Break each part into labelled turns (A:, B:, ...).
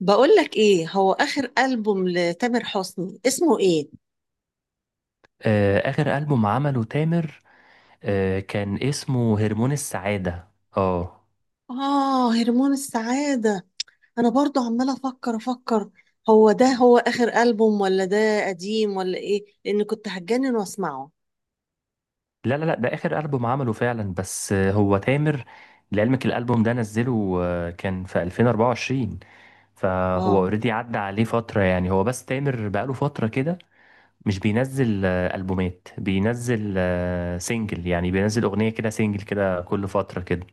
A: بقول لك ايه هو اخر البوم لتامر حسني اسمه ايه؟
B: آخر ألبوم عمله تامر. كان اسمه هرمون السعادة. اه،
A: اه، هرمون السعادة. انا برضو عمالة افكر افكر. هو ده هو اخر البوم ولا ده قديم ولا ايه، لان كنت هتجنن واسمعه؟
B: لا لا لا ده آخر ألبوم عمله فعلا، بس هو تامر لعلمك. الألبوم ده نزله، كان في 2024، فهو
A: اه.
B: اوريدي عدى عليه فترة، يعني هو بس تامر بقاله فترة كده مش بينزل ألبومات، بينزل سينجل، يعني بينزل أغنية كده سينجل كده كل فترة كده.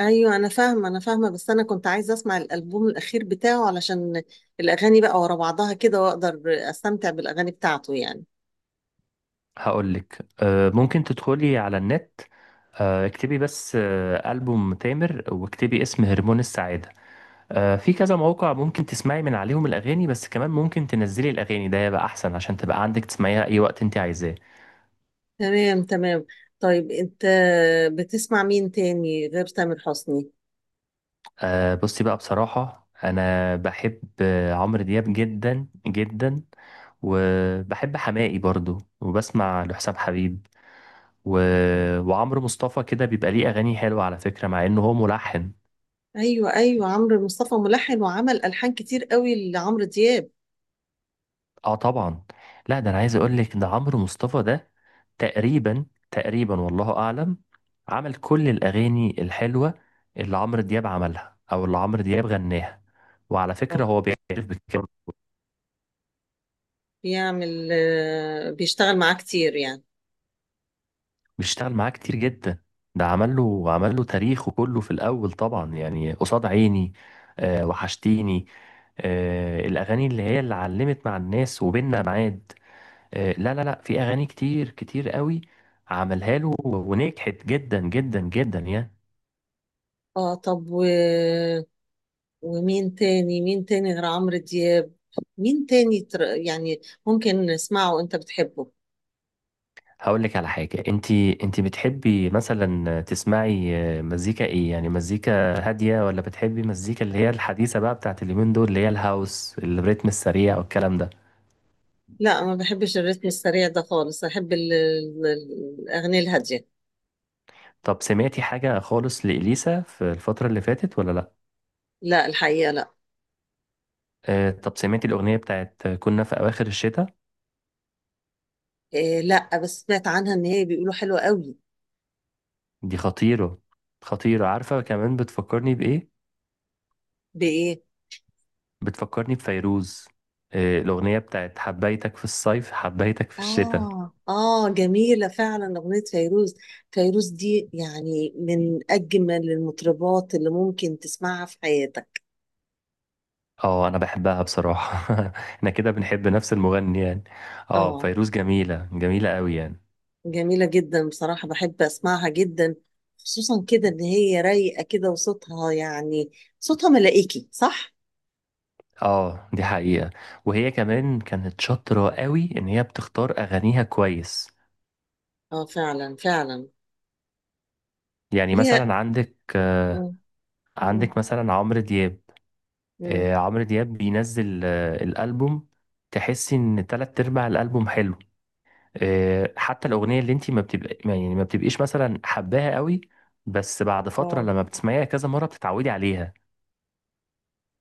A: ايوه، انا فاهمة انا فاهمة، بس انا كنت عايزة اسمع الالبوم الاخير بتاعه علشان الاغاني بقى ورا بعضها كده، واقدر استمتع بالاغاني بتاعته يعني.
B: هقولك، ممكن تدخلي على النت. اكتبي بس ألبوم تامر، واكتبي اسم هرمون السعادة. في كذا موقع ممكن تسمعي من عليهم الأغاني، بس كمان ممكن تنزلي الأغاني ده يبقى أحسن، عشان تبقى عندك تسمعيها أي وقت أنت عايزاه.
A: تمام، تمام. طيب، انت بتسمع مين تاني غير تامر حسني؟
B: بصي بقى، بصراحة أنا بحب عمرو دياب جدا جدا، وبحب حماقي برضو، وبسمع لحسام حبيب، و... وعمرو مصطفى، كده بيبقى ليه أغاني حلوة على فكرة مع إنه هو ملحن.
A: ايوه، ايوه، عمرو مصطفى ملحن وعمل الحان كتير قوي لعمرو دياب.
B: اه طبعا. لا، ده انا عايز اقول لك، ده عمرو مصطفى ده تقريبا تقريبا والله اعلم عمل كل الاغاني الحلوه اللي عمرو دياب عملها، او اللي عمرو دياب غناها. وعلى فكره
A: طب
B: هو بيعرف بكده.
A: بيعمل آه، بيشتغل معاه كتير يعني؟
B: بيشتغل معاه كتير جدا. ده عمل له عمل له تاريخه كله في الاول طبعا، يعني قصاد عيني. آه وحشتيني، آه الاغاني اللي هي اللي علمت مع الناس، وبيننا معاد. لا لا لا، في اغاني كتير كتير قوي عملها له ونجحت جدا جدا جدا يعني.
A: اه، طب ومين تاني، مين تاني غير عمرو دياب؟ مين تاني يعني ممكن نسمعه وانت بتحبه؟
B: هقول لك على حاجه، انت انت بتحبي مثلا تسمعي مزيكا ايه؟ يعني مزيكا هاديه، ولا بتحبي مزيكا اللي هي الحديثه بقى بتاعت اليومين دول، اللي هي الهاوس، الريتم السريع والكلام ده؟
A: لا، ما بحبش الريتم السريع ده خالص، احب الاغنية الهادية.
B: طب سمعتي حاجه خالص لإليسا في الفتره اللي فاتت ولا لا؟
A: لا، الحقيقة لا.
B: طب سمعتي الاغنيه بتاعت كنا في اواخر الشتاء؟
A: إيه، لا بس سمعت عنها ان هي بيقولوا حلوة قوي.
B: دي خطيره. خطيره، عارفه كمان بتفكرني بايه؟
A: بايه؟
B: بتفكرني بفيروز، الأغنية بتاعت حبيتك في الصيف حبيتك في الشتاء.
A: آه، آه، جميلة فعلا أغنية فيروز. فيروز دي يعني من أجمل المطربات اللي ممكن تسمعها في حياتك.
B: اه أنا بحبها بصراحة. احنا كده بنحب نفس المغني يعني. اه،
A: آه.
B: فيروز جميلة جميلة قوي يعني.
A: جميلة جدا بصراحة، بحب أسمعها جدا، خصوصا كده إن هي رايقة كده وصوتها يعني، صوتها ملائكي صح؟
B: اه، دي حقيقة. وهي كمان كانت شاطرة قوي إن هي بتختار أغانيها كويس.
A: آه، فعلا فعلا.
B: يعني
A: ليها.
B: مثلا
A: مم. مم.
B: عندك مثلا عمرو دياب.
A: مم.
B: عمرو دياب بينزل الألبوم، تحسي إن تلات أرباع الألبوم حلو. حتى الاغنيه اللي انت ما بتبقى ما- يعني ما بتبقيش مثلا حباها قوي، بس بعد فتره
A: آه،
B: لما بتسمعيها كذا مره بتتعودي عليها.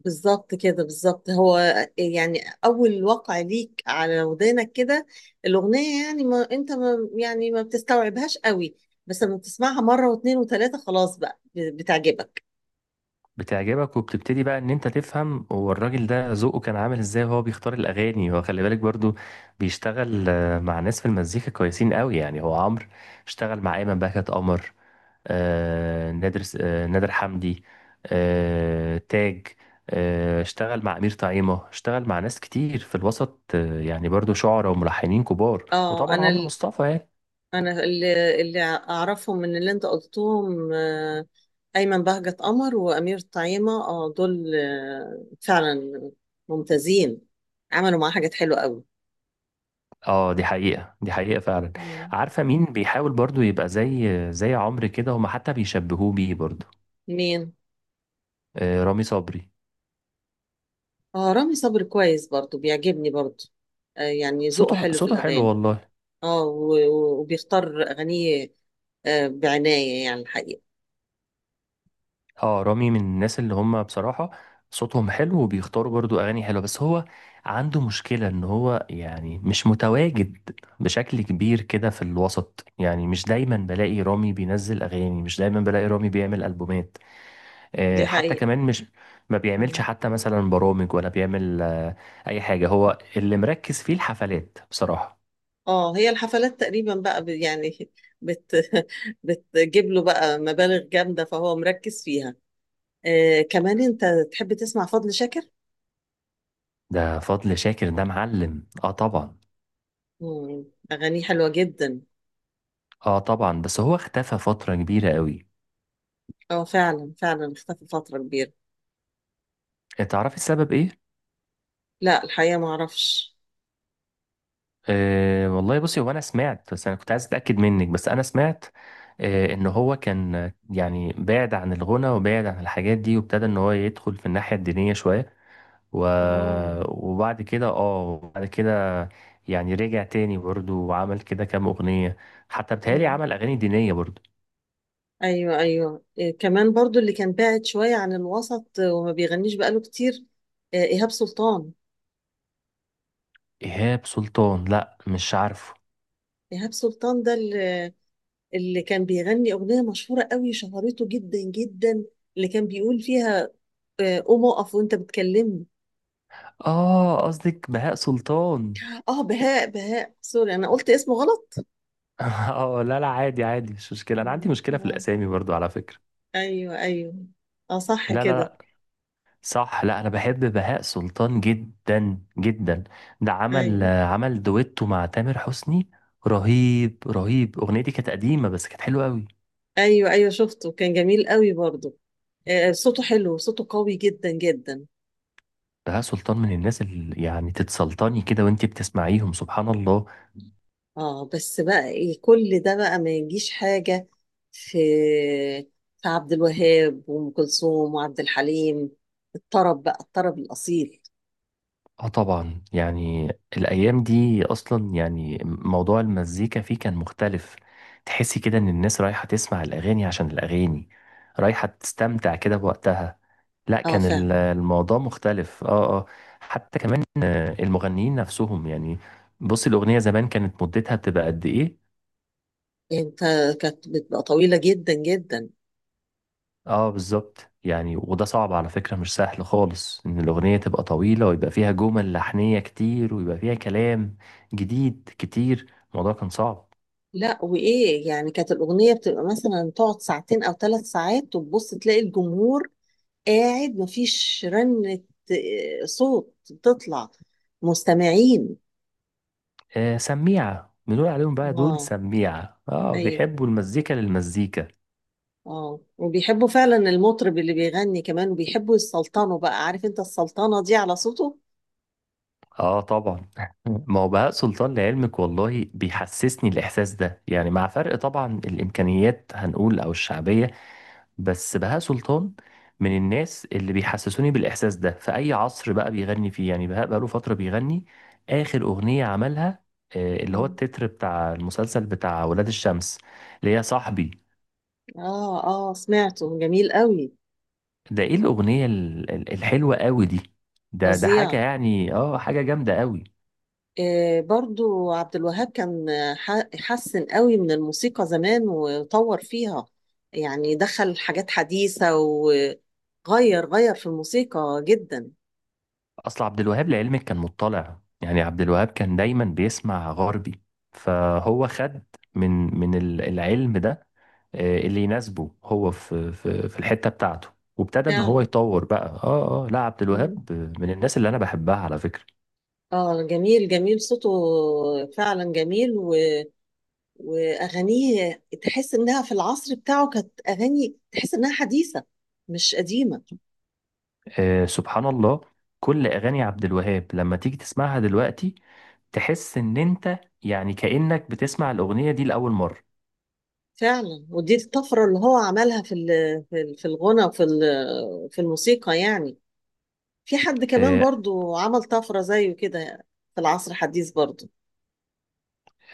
A: بالظبط كده، بالظبط هو، يعني اول وقع ليك على ودانك كده الاغنيه يعني ما انت ما يعني ما بتستوعبهاش قوي، بس لما بتسمعها مره واثنين وثلاثه خلاص بقى بتعجبك.
B: بتعجبك، وبتبتدي بقى ان انت تفهم هو الراجل ده ذوقه كان عامل ازاي وهو بيختار الاغاني. هو خلي بالك برضو بيشتغل مع ناس في المزيكا كويسين قوي يعني. هو عمرو اشتغل مع ايمن بهجت قمر، نادر حمدي، تاج، اشتغل مع أمير طعيمة، اشتغل مع ناس كتير في الوسط، يعني برضو شعراء وملحنين كبار،
A: اه،
B: وطبعا
A: انا
B: عمرو مصطفى يعني.
A: انا اللي اعرفهم من اللي انت قلتهم، ايمن بهجت قمر وامير طعيمه، اه، دول فعلا ممتازين، عملوا معاه حاجات حلوه قوي.
B: اه دي حقيقة، دي حقيقة فعلا.
A: مم.
B: عارفة مين بيحاول برضو يبقى زي زي عمرو كده، هما حتى بيشبهوه بيه برضو؟
A: مين؟
B: رامي صبري.
A: اه، رامي صبري كويس برضو، بيعجبني برضو. آه، يعني ذوقه
B: صوته
A: حلو في
B: صوته حلو
A: الأغاني.
B: والله.
A: اه، و- و- وبيختار أغانيه آه بعناية يعني الحقيقة.
B: اه، رامي من الناس اللي هم بصراحة صوتهم حلو، وبيختاروا برضو أغاني حلوة. بس هو عنده مشكلة إن هو يعني مش متواجد بشكل كبير كده في الوسط، يعني مش دايما بلاقي رامي بينزل أغاني، مش دايما بلاقي رامي بيعمل ألبومات.
A: دي
B: حتى
A: حقيقة.
B: كمان مش ما بيعملش
A: مم.
B: حتى مثلا برامج، ولا بيعمل أي حاجة. هو اللي مركز فيه الحفلات بصراحة.
A: اه، هي الحفلات تقريبا بقى يعني بت بتجيب له بقى مبالغ جامدة فهو مركز فيها. آه، كمان انت تحب تسمع فضل شاكر؟
B: ده فضل شاكر ده معلم، اه طبعا
A: مم. أغانيه حلوة جدا.
B: اه طبعا بس هو اختفى فترة كبيرة قوي.
A: اه، فعلا فعلا اختفى فترة كبيرة.
B: تعرفي السبب ايه؟
A: لا الحقيقة ما اعرفش.
B: أه والله، بصي هو انا سمعت، بس انا كنت عايز اتاكد منك. بس انا سمعت ان هو كان، يعني بعد عن الغنى وبعد عن الحاجات دي، وابتدى ان هو يدخل في الناحيه الدينيه شويه، و... وبعد كده اه بعد كده يعني رجع تاني برضه وعمل كده كام اغنيه، حتى بتهيألي
A: اه،
B: عمل اغاني دينيه برضه.
A: ايوه ايوه، إيه كمان برضو اللي كان بعد شويه عن الوسط وما بيغنيش بقاله كتير، ايهاب سلطان.
B: ايهاب سلطان؟ لا مش عارفه.
A: ايهاب سلطان ده اللي كان بيغني اغنيه مشهوره قوي، شهرته جدا جدا، اللي كان بيقول فيها قوم اقف وانت بتكلمني.
B: اه، قصدك بهاء سلطان.
A: اه، بهاء، بهاء، سوري انا قلت اسمه غلط.
B: اه، لا لا، عادي عادي مش مشكله، انا عندي
A: مم،
B: مشكله في
A: آه.
B: الاسامي برضه على فكره.
A: ايوه، ايوه، اه، صح
B: لا
A: كده.
B: لا، صح. لا، انا بحب بهاء سلطان جدا جدا. ده عمل
A: ايوه،
B: عمل دويتو مع تامر حسني، رهيب رهيب. اغنيه دي كانت قديمه بس كانت حلوه قوي.
A: ايوه، ايوه، شفته كان جميل قوي برضو، صوته حلو، صوته قوي جدا جدا.
B: بهاء سلطان من الناس اللي يعني تتسلطني كده وانتي بتسمعيهم، سبحان الله.
A: اه، بس بقى إيه، كل ده بقى ما يجيش حاجة، في في عبد الوهاب وأم كلثوم وعبد الحليم، الطرب بقى، الطرب الأصيل.
B: اه طبعا يعني، الايام دي اصلا يعني موضوع المزيكا فيه كان مختلف. تحسي كده ان الناس رايحه تسمع الاغاني عشان الاغاني، رايحه تستمتع كده بوقتها. لا،
A: اه،
B: كان
A: فاهم.
B: الموضوع مختلف. اه اه. حتى كمان المغنيين نفسهم، يعني بصي الاغنيه زمان كانت مدتها بتبقى قد ايه؟
A: انت كانت بتبقى طويلة جدا جدا،
B: اه بالظبط يعني، وده صعب على فكرة مش سهل خالص ان الاغنية تبقى طويلة ويبقى فيها جمل لحنية كتير ويبقى فيها كلام جديد كتير. الموضوع كان صعب.
A: لا وإيه يعني كانت الأغنية بتبقى مثلا تقعد ساعتين أو ثلاث ساعات وتبص تلاقي الجمهور قاعد، مفيش رنة، صوت بتطلع، مستمعين.
B: آه سميعة، بنقول عليهم بقى دول
A: اه،
B: سميعة، اه
A: أيوه.
B: بيحبوا المزيكا للمزيكا.
A: اه، وبيحبوا فعلا المطرب اللي بيغني كمان، وبيحبوا يسلطنوا بقى، عارف انت السلطنة دي على صوته.
B: اه طبعا. ما هو بهاء سلطان لعلمك والله بيحسسني الاحساس ده يعني، مع فرق طبعا الامكانيات هنقول او الشعبية. بس بهاء سلطان من الناس اللي بيحسسوني بالإحساس ده في أي عصر بقى بيغني فيه. يعني بهاء بقاله فترة بيغني. آخر أغنية عملها، اللي هو
A: مم.
B: التتر بتاع المسلسل بتاع ولاد الشمس، اللي هي صاحبي.
A: اه، اه، سمعته جميل قوي،
B: ده إيه الأغنية الحلوة قوي دي؟ ده حاجة
A: فظيع.
B: يعني، آه حاجة جامدة قوي.
A: آه، برضو عبد الوهاب كان حسن قوي من الموسيقى زمان وطور فيها، يعني دخل حاجات حديثة وغير غير في الموسيقى جدا.
B: أصل عبد الوهاب لعلمك كان مطلع، يعني عبد الوهاب كان دايما بيسمع غربي، فهو خد من العلم ده، اللي يناسبه هو في الحته بتاعته، وابتدى ان هو
A: فعلا.
B: يطور بقى. اه لا، عبد
A: مم.
B: الوهاب من الناس اللي انا بحبها على فكره.
A: اه، جميل جميل صوته، فعلا جميل، واغانيه تحس انها في العصر بتاعه كانت اغاني تحس انها حديثه، مش قديمه.
B: آه سبحان الله، كل اغاني عبد الوهاب لما تيجي تسمعها دلوقتي تحس ان انت يعني كانك بتسمع الاغنيه دي لاول مره.
A: فعلا ودي الطفره اللي هو عملها في الغنى وفي ال- في الموسيقى يعني. في حد كمان
B: آه
A: برضو عمل طفره زيه كده في العصر الحديث برضو؟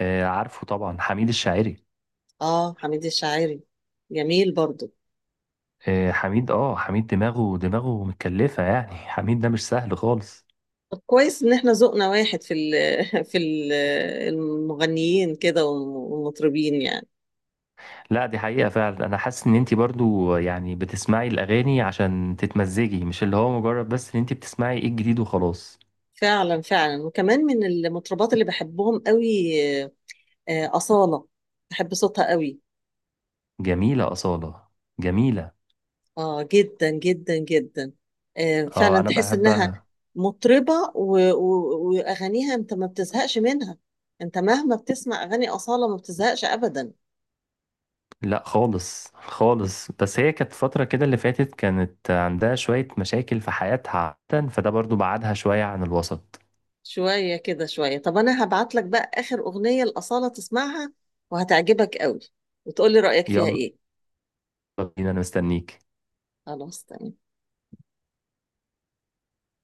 B: عارفه طبعا، حميد الشاعري.
A: اه، حميد الشاعري، جميل برضو.
B: حميد دماغه متكلفه يعني. حميد ده مش سهل خالص.
A: طب كويس ان احنا ذوقنا واحد في في المغنيين كده والمطربين يعني.
B: لا، دي حقيقة فعلا. أنا حاسس إن أنت برضو يعني بتسمعي الأغاني عشان تتمزجي، مش اللي هو مجرد بس إن أنت بتسمعي إيه الجديد وخلاص.
A: فعلا فعلا، وكمان من المطربات اللي بحبهم قوي أصالة، بحب صوتها قوي.
B: جميلة أصالة، جميلة.
A: اه، جدا جدا جدا. فعلا
B: أه أنا
A: تحس انها
B: بحبها.
A: مطربة و- و- واغانيها انت ما بتزهقش منها، انت مهما بتسمع اغاني أصالة ما بتزهقش ابدا.
B: لا خالص خالص، بس هي كانت فترة كده اللي فاتت كانت عندها شوية مشاكل في حياتها عادة، فده برضو بعدها شوية عن الوسط.
A: شوية كده شوية، طب انا هبعت لك بقى اخر اغنية لأصالة تسمعها وهتعجبك قوي، وتقولي رأيك فيها
B: يلا
A: ايه.
B: بينا، أنا مستنيك.
A: خلاص، تمام.